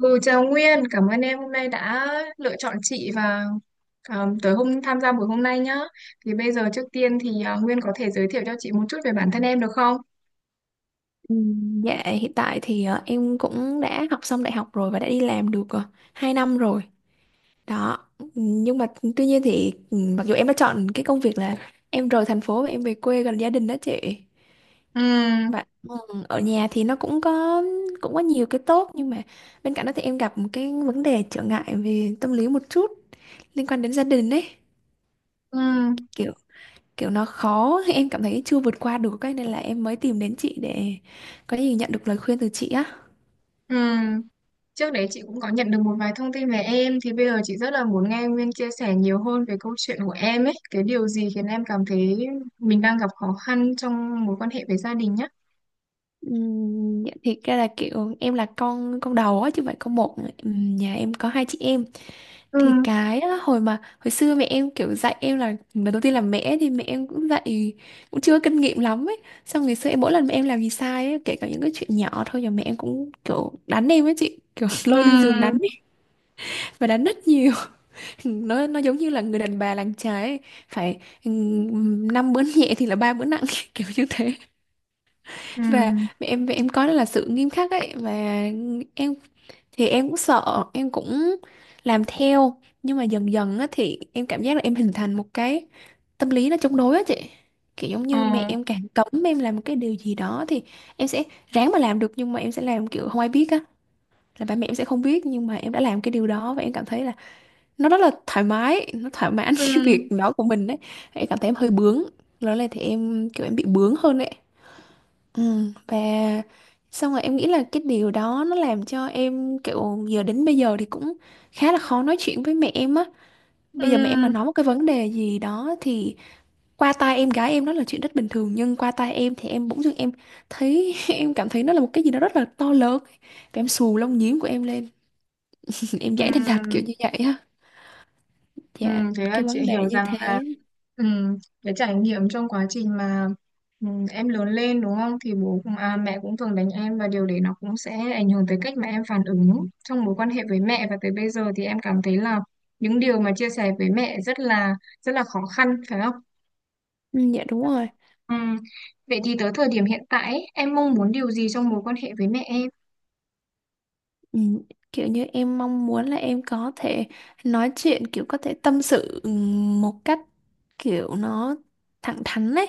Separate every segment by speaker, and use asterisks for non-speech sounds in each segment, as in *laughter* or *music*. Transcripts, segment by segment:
Speaker 1: Ừ, chào Nguyên, cảm ơn em hôm nay đã lựa chọn chị và tới hôm tham gia buổi hôm nay nhá. Thì bây giờ trước tiên Nguyên có thể giới thiệu cho chị một chút về bản thân em được không?
Speaker 2: Ừ, dạ hiện tại thì em cũng đã học xong đại học rồi và đã đi làm được 2 năm rồi đó. Ừ, nhưng mà tuy nhiên thì mặc dù em đã chọn cái công việc là em rời thành phố và em về quê gần gia đình đó chị,
Speaker 1: Ừ,
Speaker 2: mà ở nhà thì nó cũng có có nhiều cái tốt, nhưng mà bên cạnh đó thì em gặp một cái vấn đề trở ngại về tâm lý một chút liên quan đến gia đình ấy,
Speaker 1: ừ,
Speaker 2: kiểu kiểu nó khó *laughs* em cảm thấy chưa vượt qua được cái nên là em mới tìm đến chị để có gì nhận được lời khuyên từ chị á.
Speaker 1: ừ. Trước đấy chị cũng có nhận được một vài thông tin về em thì bây giờ chị rất là muốn nghe Nguyên chia sẻ nhiều hơn về câu chuyện của em ấy, cái điều gì khiến em cảm thấy mình đang gặp khó khăn trong mối quan hệ với gia đình nhá.
Speaker 2: Dạ, thiệt ra là kiểu em là con đầu á chứ không phải con một. Nhà em có hai chị em,
Speaker 1: Ừ,
Speaker 2: thì cái đó, hồi xưa mẹ em kiểu dạy em là lần đầu tiên là mẹ, thì mẹ em cũng dạy cũng chưa có kinh nghiệm lắm ấy, xong ngày xưa em mỗi lần mẹ em làm gì sai ấy, kể cả những cái chuyện nhỏ thôi là mẹ em cũng kiểu đánh em ấy chị, kiểu *laughs*
Speaker 1: ừ,
Speaker 2: lôi lên giường đánh ấy, và đánh rất nhiều. *laughs* Nó giống như là người đàn bà làng trái ấy. Phải, năm bữa nhẹ thì là ba bữa nặng, *laughs* kiểu như thế.
Speaker 1: ừ,
Speaker 2: Và mẹ em có đó là sự nghiêm khắc ấy, và em thì em cũng sợ, em cũng làm theo, nhưng mà dần dần á thì em cảm giác là em hình thành một cái tâm lý nó chống đối á chị, kiểu giống
Speaker 1: ờ,
Speaker 2: như mẹ em càng cấm em làm một cái điều gì đó thì em sẽ ráng mà làm được, nhưng mà em sẽ làm kiểu không ai biết á, là ba mẹ em sẽ không biết nhưng mà em đã làm cái điều đó, và em cảm thấy là nó rất là thoải mái, nó thỏa mãn *laughs* cái
Speaker 1: ừ,
Speaker 2: việc đó của mình đấy. Em cảm thấy em hơi bướng, lớn là thì em kiểu em bị bướng hơn đấy. Ừ, và xong rồi em nghĩ là cái điều đó nó làm cho em kiểu giờ đến bây giờ thì cũng khá là khó nói chuyện với mẹ em á. Bây giờ mẹ em mà
Speaker 1: ừ,
Speaker 2: nói một cái vấn đề gì đó thì qua tai em gái em nó là chuyện rất bình thường, nhưng qua tai em thì em bỗng dưng em thấy *laughs* em cảm thấy nó là một cái gì đó rất là to lớn, và em xù lông nhím của em lên, *laughs* em giải đành đạch
Speaker 1: ừ.
Speaker 2: kiểu như vậy á.
Speaker 1: Ừ,
Speaker 2: Dạ
Speaker 1: thế là
Speaker 2: cái
Speaker 1: chị
Speaker 2: vấn đề
Speaker 1: hiểu
Speaker 2: như
Speaker 1: rằng là
Speaker 2: thế,
Speaker 1: ừm, cái trải nghiệm trong quá trình mà em lớn lên đúng không thì mẹ cũng thường đánh em và điều đấy nó cũng sẽ ảnh hưởng tới cách mà em phản ứng trong mối quan hệ với mẹ và tới bây giờ thì em cảm thấy là những điều mà chia sẻ với mẹ rất là khó khăn phải không?
Speaker 2: ừ, dạ đúng rồi.
Speaker 1: Ừm, Vậy thì tới thời điểm hiện tại ấy, em mong muốn điều gì trong mối quan hệ với mẹ em?
Speaker 2: Ừ, kiểu như em mong muốn là em có thể nói chuyện, kiểu có thể tâm sự một cách kiểu nó thẳng thắn ấy,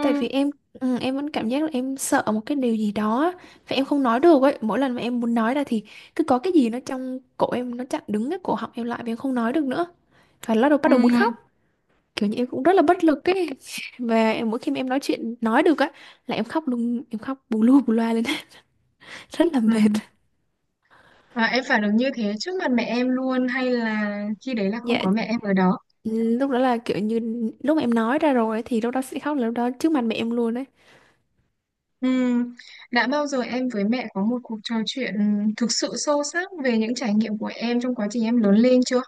Speaker 2: tại vì em em vẫn cảm giác là em sợ một cái điều gì đó á, và em không nói được ấy, mỗi lần mà em muốn nói ra thì cứ có cái gì nó trong cổ em nó chặn đứng cái cổ họng em lại và em không nói được nữa, và lúc đầu bắt
Speaker 1: ừ,
Speaker 2: đầu muốn khóc, kiểu như em cũng rất là bất lực ấy. *laughs* Và mỗi khi mà em nói chuyện nói được á là em khóc luôn, em khóc bù lu bù loa lên, *laughs* rất là
Speaker 1: ừ.
Speaker 2: mệt.
Speaker 1: Và em phản ứng như thế trước mặt mẹ em luôn hay là khi đấy là không
Speaker 2: Dạ,
Speaker 1: có mẹ em ở đó?
Speaker 2: ừ, lúc đó là kiểu như lúc mà em nói ra rồi ấy, thì lúc đó sẽ khóc là lúc đó trước mặt mẹ em luôn đấy.
Speaker 1: Ừm, đã bao giờ em với mẹ có một cuộc trò chuyện thực sự sâu sắc về những trải nghiệm của em trong quá trình em lớn lên chưa?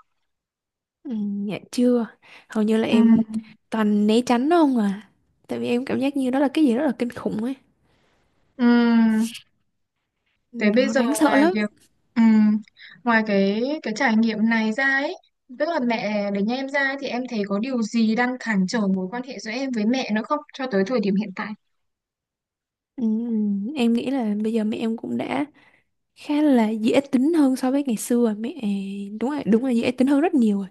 Speaker 2: Ừ, dạ chưa, hầu như là em
Speaker 1: Ừm,
Speaker 2: toàn né tránh nó không à, tại vì em cảm giác như đó là cái gì rất là kinh khủng ấy,
Speaker 1: ừm, Thế bây
Speaker 2: nó
Speaker 1: giờ
Speaker 2: đáng sợ
Speaker 1: ngoài
Speaker 2: lắm.
Speaker 1: việc ừm, ngoài cái trải nghiệm này ra ấy, tức là mẹ để nhà em ra thì em thấy có điều gì đang cản trở mối quan hệ giữa em với mẹ nữa không cho tới thời điểm hiện tại?
Speaker 2: Ừ, em nghĩ là bây giờ mẹ em cũng đã khá là dễ tính hơn so với ngày xưa mẹ, đúng rồi đúng là dễ tính hơn rất nhiều rồi,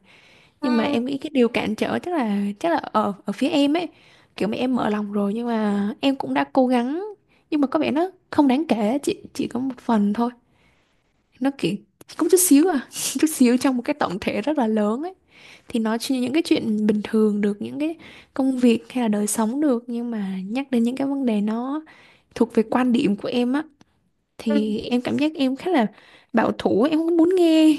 Speaker 2: nhưng mà
Speaker 1: Ừm,
Speaker 2: em nghĩ cái điều cản trở chắc là ở ở phía em ấy, kiểu mẹ em mở lòng rồi nhưng mà em cũng đã cố gắng, nhưng mà có vẻ nó không đáng kể, chỉ có một phần thôi, nó kiểu cũng chút xíu à, *laughs* chút xíu trong một cái tổng thể rất là lớn ấy, thì nói chuyện những cái chuyện bình thường được, những cái công việc hay là đời sống được, nhưng mà nhắc đến những cái vấn đề nó thuộc về quan điểm của em á,
Speaker 1: ừm,
Speaker 2: thì em cảm giác em khá là bảo thủ, em không muốn nghe.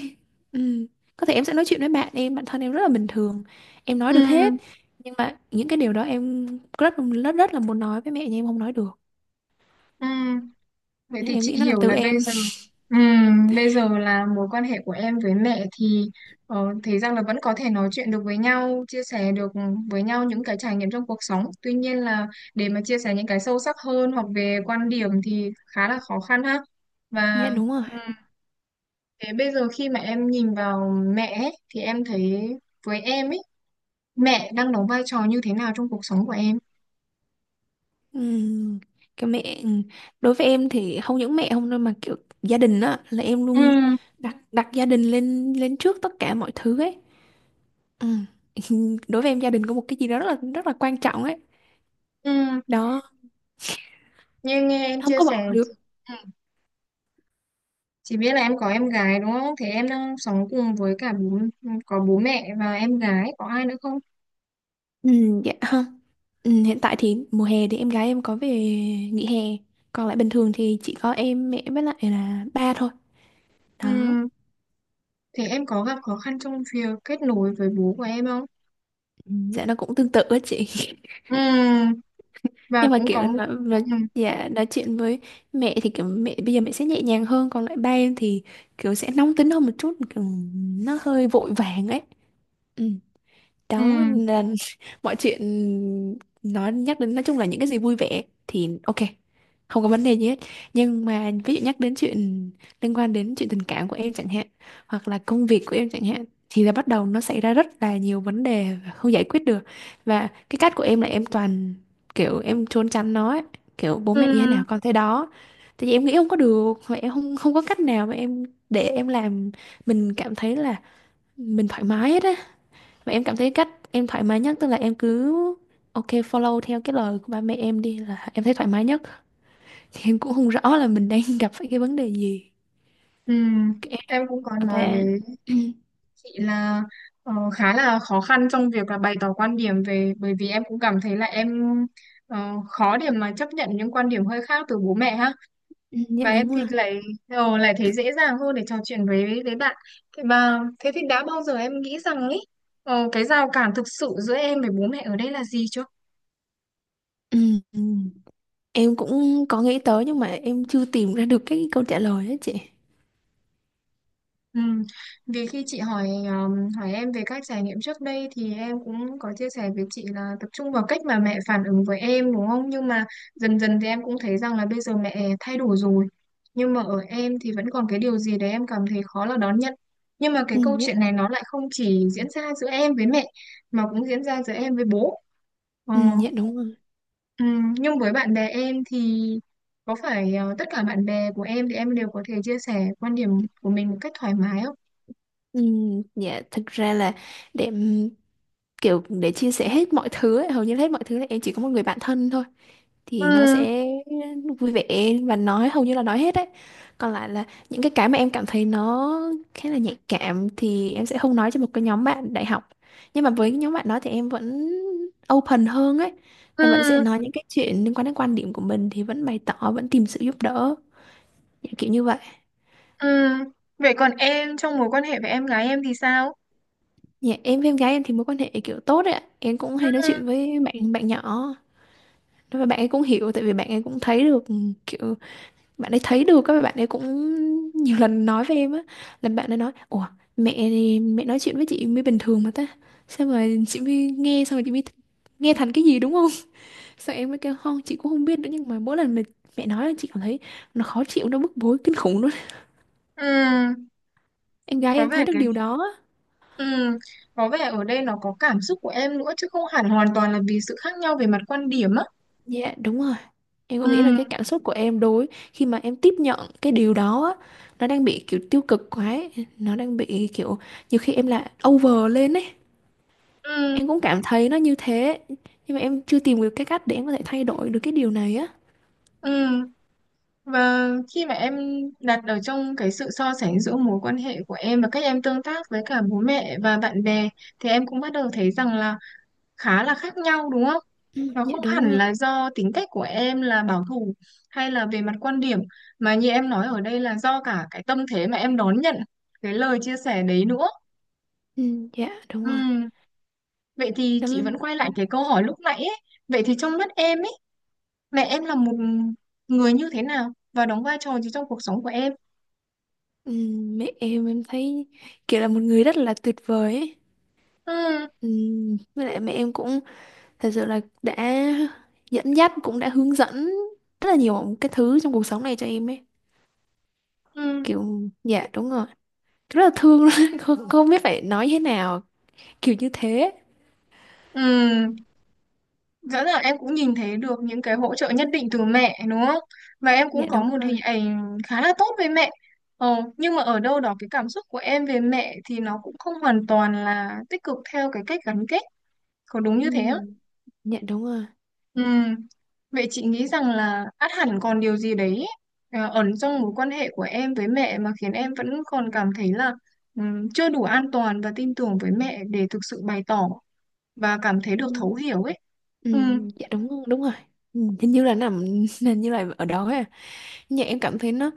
Speaker 2: Ừ. Có thể em sẽ nói chuyện với bạn em bản thân em rất là bình thường, em nói được hết,
Speaker 1: ừm,
Speaker 2: nhưng mà những cái điều đó em rất rất rất là muốn nói với mẹ nhưng em không nói được.
Speaker 1: ừm. Vậy
Speaker 2: Nên
Speaker 1: thì
Speaker 2: em
Speaker 1: chị
Speaker 2: nghĩ nó là
Speaker 1: hiểu
Speaker 2: từ
Speaker 1: là bây
Speaker 2: em.
Speaker 1: giờ ừ, bây giờ là mối quan hệ của em với mẹ thì ờ, thấy rằng là vẫn có thể nói chuyện được với nhau, chia sẻ được với nhau những cái trải nghiệm trong cuộc sống. Tuy nhiên là để mà chia sẻ những cái sâu sắc hơn hoặc về quan điểm thì khá là khó khăn ha.
Speaker 2: *laughs* Dạ
Speaker 1: Và
Speaker 2: đúng rồi.
Speaker 1: ừ, thế bây giờ khi mà em nhìn vào mẹ ấy, thì em thấy với em ấy, mẹ đang đóng vai trò như thế nào trong cuộc sống của em?
Speaker 2: Ừ. Cái mẹ, ừ. Đối với em thì không những mẹ không đâu, mà kiểu gia đình á, là em luôn
Speaker 1: Ừ,
Speaker 2: đặt đặt gia đình lên lên trước tất cả mọi thứ ấy. Ừ. *laughs* Đối với em gia đình có một cái gì đó rất là quan trọng ấy,
Speaker 1: ừ,
Speaker 2: đó,
Speaker 1: như nghe em
Speaker 2: không
Speaker 1: chia
Speaker 2: có
Speaker 1: sẻ
Speaker 2: bỏ được.
Speaker 1: ừ. Chị biết là em có em gái đúng không? Thế em đang sống cùng với cả bố, có bố mẹ và em gái, có ai nữa không?
Speaker 2: Ừ, dạ ha. Ừ, hiện tại thì mùa hè thì em gái em có về nghỉ hè. Còn lại bình thường thì chỉ có em, mẹ với lại là ba thôi. Đó.
Speaker 1: Ừm, Thế em có gặp khó khăn trong việc kết nối với bố của em không?
Speaker 2: Ừ. Dạ nó cũng tương tự á chị.
Speaker 1: Ừm,
Speaker 2: *laughs*
Speaker 1: Và
Speaker 2: Nhưng mà
Speaker 1: cũng có
Speaker 2: kiểu
Speaker 1: một...
Speaker 2: nó
Speaker 1: ừm,
Speaker 2: dạ nói chuyện với mẹ thì kiểu mẹ bây giờ mẹ sẽ nhẹ nhàng hơn, còn lại ba em thì kiểu sẽ nóng tính hơn một chút, kiểu nó hơi vội vàng ấy. Ừ. Đó
Speaker 1: ừm,
Speaker 2: là *laughs* mọi chuyện nó nhắc đến, nói chung là những cái gì vui vẻ thì ok, không có vấn đề gì hết, nhưng mà ví dụ nhắc đến chuyện liên quan đến chuyện tình cảm của em chẳng hạn, hoặc là công việc của em chẳng hạn, thì là bắt đầu nó xảy ra rất là nhiều vấn đề và không giải quyết được, và cái cách của em là em toàn kiểu em trốn tránh nó ấy, kiểu bố mẹ như thế
Speaker 1: ừm,
Speaker 2: nào con thế đó, tại vì em nghĩ không có được, và em không không có cách nào mà em để em làm mình cảm thấy là mình thoải mái hết á, mà em cảm thấy cách em thoải mái nhất tức là em cứ ok follow theo cái lời của ba mẹ em đi là em thấy thoải mái nhất. Thì em cũng không rõ là mình đang gặp phải cái vấn đề gì.
Speaker 1: ừm.
Speaker 2: Cái-
Speaker 1: Em cũng có nói
Speaker 2: Và
Speaker 1: với
Speaker 2: *clears throat*
Speaker 1: chị là ờ, khá là khó khăn trong việc là bày tỏ quan điểm về... Bởi vì em cũng cảm thấy là em ờ, khó để mà chấp nhận những quan điểm hơi khác từ bố mẹ ha.
Speaker 2: dạ
Speaker 1: Và em
Speaker 2: đúng
Speaker 1: thì
Speaker 2: rồi.
Speaker 1: lại ờ, lại thấy dễ dàng hơn để trò chuyện với bạn. Thế thì đã bao giờ em nghĩ rằng ấy ờ, cái rào cản thực sự giữa em với bố mẹ ở đây là gì chưa?
Speaker 2: Ừ, ừ. Em cũng có nghĩ tới nhưng mà em chưa tìm ra được cái câu trả lời á chị.
Speaker 1: Ừ. Vì khi chị hỏi hỏi em về các trải nghiệm trước đây thì em cũng có chia sẻ với chị là tập trung vào cách mà mẹ phản ứng với em đúng không? Nhưng mà dần dần thì em cũng thấy rằng là bây giờ mẹ thay đổi rồi. Nhưng mà ở em thì vẫn còn cái điều gì đấy em cảm thấy khó là đón nhận. Nhưng mà cái
Speaker 2: Ừ,
Speaker 1: câu
Speaker 2: dạ.
Speaker 1: chuyện này nó lại không chỉ diễn ra giữa em với mẹ mà cũng diễn ra giữa em với bố. Ờ.
Speaker 2: Ừ, dạ đúng rồi.
Speaker 1: Ừ, nhưng với bạn bè em thì có phải ờ, tất cả bạn bè của em thì em đều có thể chia sẻ quan điểm của mình một cách thoải mái không?
Speaker 2: Ừ, dạ thực ra là để kiểu để chia sẻ hết mọi thứ ấy, hầu như là hết mọi thứ là em chỉ có một người bạn thân thôi, thì nó
Speaker 1: Ừ,
Speaker 2: sẽ vui vẻ và nói hầu như là nói hết đấy, còn lại là những cái mà em cảm thấy nó khá là nhạy cảm thì em sẽ không nói cho một cái nhóm bạn đại học, nhưng mà với cái nhóm bạn đó thì em vẫn open hơn ấy, em vẫn sẽ
Speaker 1: ừ,
Speaker 2: nói những cái chuyện liên quan đến quan điểm của mình thì vẫn bày tỏ vẫn tìm sự giúp đỡ. Dạ, kiểu như vậy.
Speaker 1: ừ. Vậy còn em trong mối quan hệ với em gái em thì sao?
Speaker 2: Dạ, em với em gái em thì mối quan hệ kiểu tốt đấy ạ. Em cũng hay nói
Speaker 1: Ừ,
Speaker 2: chuyện với bạn bạn nhỏ, và bạn ấy cũng hiểu, tại vì bạn ấy cũng thấy được, kiểu bạn ấy thấy được, các bạn ấy cũng nhiều lần nói với em á, là bạn ấy nói ủa mẹ nói chuyện với chị mới bình thường mà ta, sao mà chị mới nghe xong rồi chị mới nghe thành cái gì đúng không, *laughs* sao em mới kêu không chị cũng không biết nữa, nhưng mà mỗi lần mà mẹ nói là chị cảm thấy nó khó chịu, nó bức bối kinh khủng luôn.
Speaker 1: ừ,
Speaker 2: Em gái
Speaker 1: có
Speaker 2: em thấy
Speaker 1: vẻ
Speaker 2: được
Speaker 1: cái
Speaker 2: điều đó á.
Speaker 1: ừ, có vẻ ở đây nó có cảm xúc của em nữa chứ không hẳn hoàn toàn là vì sự khác nhau về mặt quan điểm á.
Speaker 2: Dạ đúng rồi. Em có nghĩ là
Speaker 1: Ừ,
Speaker 2: cái cảm xúc của em đối khi mà em tiếp nhận cái điều đó á, nó đang bị kiểu tiêu cực quá ấy. Nó đang bị kiểu nhiều khi em là over lên ấy.
Speaker 1: ừ,
Speaker 2: Em cũng cảm thấy nó như thế. Nhưng mà em chưa tìm được cái cách để em có thể thay đổi được cái điều này á.
Speaker 1: ừ. Và khi mà em đặt ở trong cái sự so sánh giữa mối quan hệ của em và cách em tương tác với cả bố mẹ và bạn bè thì em cũng bắt đầu thấy rằng là khá là khác nhau đúng không?
Speaker 2: Ừ,
Speaker 1: Nó
Speaker 2: dạ
Speaker 1: không
Speaker 2: đúng
Speaker 1: hẳn
Speaker 2: rồi.
Speaker 1: là do tính cách của em là bảo thủ hay là về mặt quan điểm mà như em nói ở đây là do cả cái tâm thế mà em đón nhận cái lời chia sẻ đấy nữa.
Speaker 2: Ừ, dạ đúng rồi.
Speaker 1: Ừm, Vậy thì chị vẫn
Speaker 2: Em,
Speaker 1: quay lại cái câu hỏi lúc nãy ấy. Vậy thì trong mắt em ấy, mẹ em là một người như thế nào và đóng vai trò gì trong cuộc sống của em?
Speaker 2: ừ, mẹ em thấy kiểu là một người rất là tuyệt vời ấy.
Speaker 1: Ừm,
Speaker 2: Ừ, với lại mẹ em cũng thật sự là đã dẫn dắt, cũng đã hướng dẫn rất là nhiều cái thứ trong cuộc sống này cho em ấy.
Speaker 1: ừm,
Speaker 2: Kiểu, dạ đúng rồi, rất là thương luôn *laughs* không, không biết phải nói thế nào, kiểu như thế.
Speaker 1: ừm. Rõ ràng em cũng nhìn thấy được những cái hỗ trợ nhất định từ mẹ đúng không? Và em
Speaker 2: Dạ
Speaker 1: cũng có
Speaker 2: đúng
Speaker 1: một hình
Speaker 2: rồi.
Speaker 1: ảnh khá là tốt với mẹ. Ờ, nhưng mà ở đâu đó cái cảm xúc của em về mẹ thì nó cũng không hoàn toàn là tích cực theo cái cách gắn kết. Có đúng như
Speaker 2: ừ.
Speaker 1: thế không?
Speaker 2: Dạ đúng rồi.
Speaker 1: Ừ. Vậy chị nghĩ rằng là ắt hẳn còn điều gì đấy ờ, ẩn trong mối quan hệ của em với mẹ mà khiến em vẫn còn cảm thấy là chưa đủ an toàn và tin tưởng với mẹ để thực sự bày tỏ và cảm thấy
Speaker 2: Ừ.
Speaker 1: được thấu hiểu ấy.
Speaker 2: Ừ.
Speaker 1: Ừ.
Speaker 2: Dạ đúng đúng rồi. Hình như là nằm *laughs* hình như là ở đó ấy. À, nhưng em cảm thấy nó,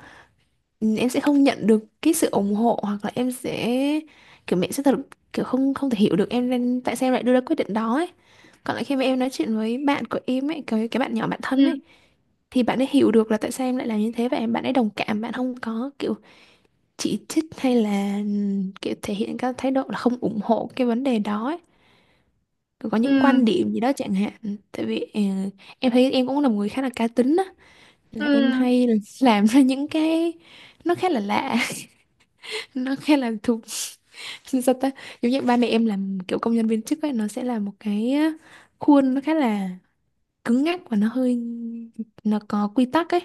Speaker 2: ừ, em sẽ không nhận được cái sự ủng hộ, hoặc là em sẽ kiểu mẹ sẽ thật kiểu không, không thể hiểu được em, nên tại sao em lại đưa ra quyết định đó ấy. Còn lại khi mà em nói chuyện với bạn của em ấy, cái bạn nhỏ, bạn thân
Speaker 1: Ừ.
Speaker 2: ấy, thì bạn ấy hiểu được là tại sao em lại làm như thế, và em bạn ấy đồng cảm, bạn không có kiểu chỉ trích hay là kiểu thể hiện các thái độ là không ủng hộ cái vấn đề đó ấy. Rồi có những
Speaker 1: Ừ.
Speaker 2: quan điểm gì đó chẳng hạn. Tại vì em thấy em cũng là một người khá là cá tính á, là em
Speaker 1: Ừ,
Speaker 2: hay *laughs* làm ra những cái nó khá là lạ, nó khá là thuộc *laughs* sao ta, giống như ba mẹ em làm kiểu công nhân viên chức ấy, nó sẽ là một cái á, khuôn nó khá là cứng nhắc và nó hơi, nó có quy tắc ấy,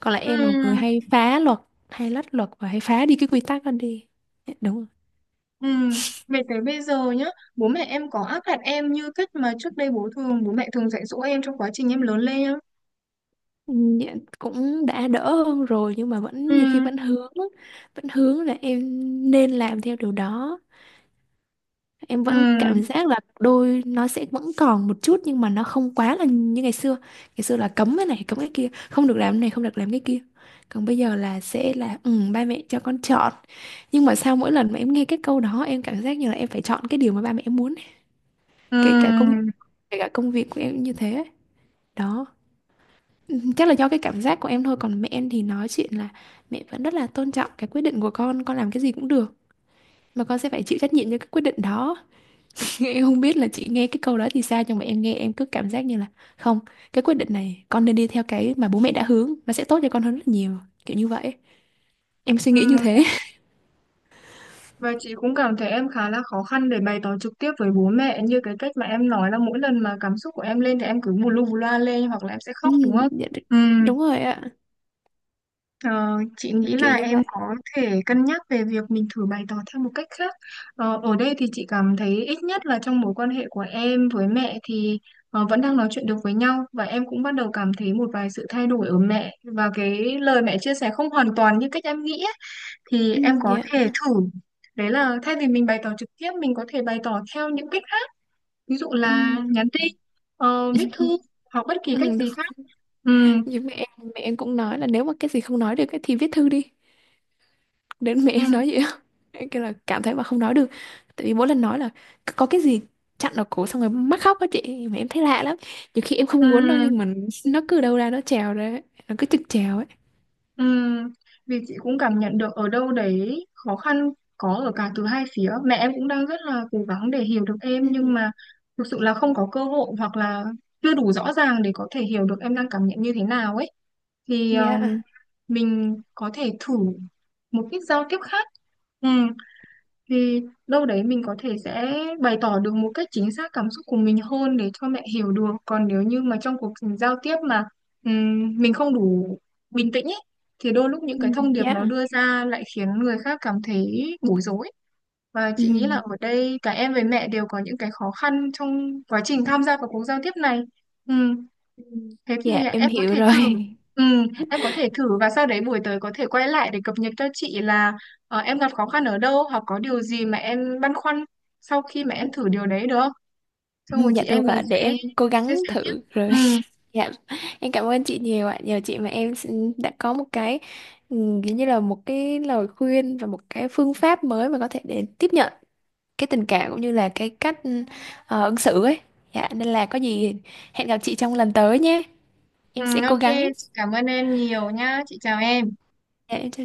Speaker 2: còn lại
Speaker 1: ừ,
Speaker 2: em là một người hay phá luật, hay lách luật và hay phá đi cái quy tắc đó đi. Dạ, đúng rồi.
Speaker 1: ừ. Về tới bây giờ nhá, bố mẹ em có áp đặt em như cách mà trước đây bố mẹ thường dạy dỗ em trong quá trình em lớn lên nhá.
Speaker 2: Ừ, dạ, cũng đã đỡ hơn rồi, nhưng mà vẫn nhiều khi
Speaker 1: Ừ,
Speaker 2: vẫn hướng á, vẫn hướng là em nên làm theo điều đó. Em
Speaker 1: ừ,
Speaker 2: vẫn cảm giác là đôi nó sẽ vẫn còn một chút, nhưng mà nó không quá là như ngày xưa. Ngày xưa là cấm cái này cấm cái kia, không được làm cái này không được làm cái kia, còn bây giờ là sẽ là, ừ, ba mẹ cho con chọn. Nhưng mà sao mỗi lần mà em nghe cái câu đó, em cảm giác như là em phải chọn cái điều mà ba mẹ em muốn ấy. kể cả công
Speaker 1: ừ,
Speaker 2: Kể cả công việc của em cũng như thế ấy. Đó. Ừ, chắc là do cái cảm giác của em thôi, còn mẹ em thì nói chuyện là mẹ vẫn rất là tôn trọng cái quyết định của con làm cái gì cũng được, mà con sẽ phải chịu trách nhiệm cho cái quyết định đó. Em không biết là chị nghe cái câu đó thì sao, nhưng mà em nghe em cứ cảm giác như là không, cái quyết định này con nên đi theo cái mà bố mẹ đã hướng, nó sẽ tốt cho con hơn rất là nhiều, kiểu như vậy. Em suy nghĩ như
Speaker 1: ừ.
Speaker 2: thế.
Speaker 1: Và chị cũng cảm thấy em khá là khó khăn để bày tỏ trực tiếp với bố mẹ như cái cách mà em nói là mỗi lần mà cảm xúc của em lên thì em cứ bù lu bù loa lên hoặc là em sẽ
Speaker 2: Ừ,
Speaker 1: khóc đúng không?
Speaker 2: dạ,
Speaker 1: Ừ.
Speaker 2: đúng rồi ạ,
Speaker 1: Ờ, chị nghĩ
Speaker 2: kiểu
Speaker 1: là
Speaker 2: như
Speaker 1: em
Speaker 2: vậy.
Speaker 1: có thể cân nhắc về việc mình thử bày tỏ theo một cách khác. Ờ, ở đây thì chị cảm thấy ít nhất là trong mối quan hệ của em với mẹ thì ờ, vẫn đang nói chuyện được với nhau và em cũng bắt đầu cảm thấy một vài sự thay đổi ở mẹ và cái lời mẹ chia sẻ không hoàn toàn như cách em nghĩ ấy, thì
Speaker 2: Ừ,
Speaker 1: em có
Speaker 2: dạ.
Speaker 1: thể thử. Đấy là thay vì mình bày tỏ trực tiếp mình có thể bày tỏ theo những cách khác. Ví dụ
Speaker 2: Ừ.
Speaker 1: là nhắn tin, ờ, viết thư
Speaker 2: *laughs*
Speaker 1: hoặc bất kỳ cách
Speaker 2: Ừ, đúng.
Speaker 1: gì khác. Ừ.
Speaker 2: Nhưng mẹ em cũng nói là nếu mà cái gì không nói được ấy thì viết thư đi. Đến mẹ
Speaker 1: Ừ.
Speaker 2: em nói vậy á. *laughs* Cái là cảm thấy mà không nói được, tại vì mỗi lần nói là có cái gì chặn ở cổ xong rồi mắc khóc á chị, mà em thấy lạ lắm, nhiều khi em
Speaker 1: Ừ.
Speaker 2: không muốn đâu, nhưng mà nó cứ đâu ra nó trèo ra ấy. Nó cứ trực trèo ấy.
Speaker 1: Ừm, vì chị cũng cảm nhận được ở đâu đấy khó khăn có ở cả từ hai phía. Mẹ em cũng đang rất là cố gắng để hiểu được
Speaker 2: Ừ,
Speaker 1: em nhưng mà thực sự là không có cơ hội hoặc là chưa đủ rõ ràng để có thể hiểu được em đang cảm nhận như thế nào ấy. Thì
Speaker 2: dạ.
Speaker 1: mình có thể thử một ít giao tiếp khác thì đâu đấy mình có thể sẽ bày tỏ được một cách chính xác cảm xúc của mình hơn để cho mẹ hiểu được, còn nếu như mà trong cuộc giao tiếp mà mình không đủ bình tĩnh ấy, thì đôi lúc những
Speaker 2: Ừ,
Speaker 1: cái thông điệp nó
Speaker 2: dạ.
Speaker 1: đưa ra lại khiến người khác cảm thấy bối rối và chị nghĩ là
Speaker 2: Ừ.
Speaker 1: ở đây cả em với mẹ đều có những cái khó khăn trong quá trình tham gia vào cuộc giao tiếp này.
Speaker 2: Ừ.
Speaker 1: Thế
Speaker 2: Dạ
Speaker 1: thì
Speaker 2: em
Speaker 1: em có
Speaker 2: hiểu
Speaker 1: thể thử
Speaker 2: rồi.
Speaker 1: ừ, em có thể thử và sau đấy buổi tới có thể quay lại để cập nhật cho chị là ờ, em gặp khó khăn ở đâu hoặc có điều gì mà em băn khoăn sau khi mà em thử điều đấy được không?
Speaker 2: Ừ,
Speaker 1: Xong rồi
Speaker 2: dạ
Speaker 1: chị em
Speaker 2: được
Speaker 1: mình
Speaker 2: ạ, để
Speaker 1: sẽ
Speaker 2: em cố
Speaker 1: chia
Speaker 2: gắng
Speaker 1: sẻ tiếp.
Speaker 2: thử rồi.
Speaker 1: Ừ,
Speaker 2: *laughs* Dạ em cảm ơn chị nhiều ạ, nhờ chị mà em đã có một cái, ừ, kiểu như là một cái lời khuyên và một cái phương pháp mới mà có thể để tiếp nhận cái tình cảm cũng như là cái cách, ứng xử ấy. Dạ, nên là có gì hẹn gặp chị trong lần tới nhé. Em sẽ
Speaker 1: ừ,
Speaker 2: cố
Speaker 1: ok,
Speaker 2: gắng.
Speaker 1: chị cảm ơn em nhiều nhá. Chị chào em.
Speaker 2: Dạ, em chào chị.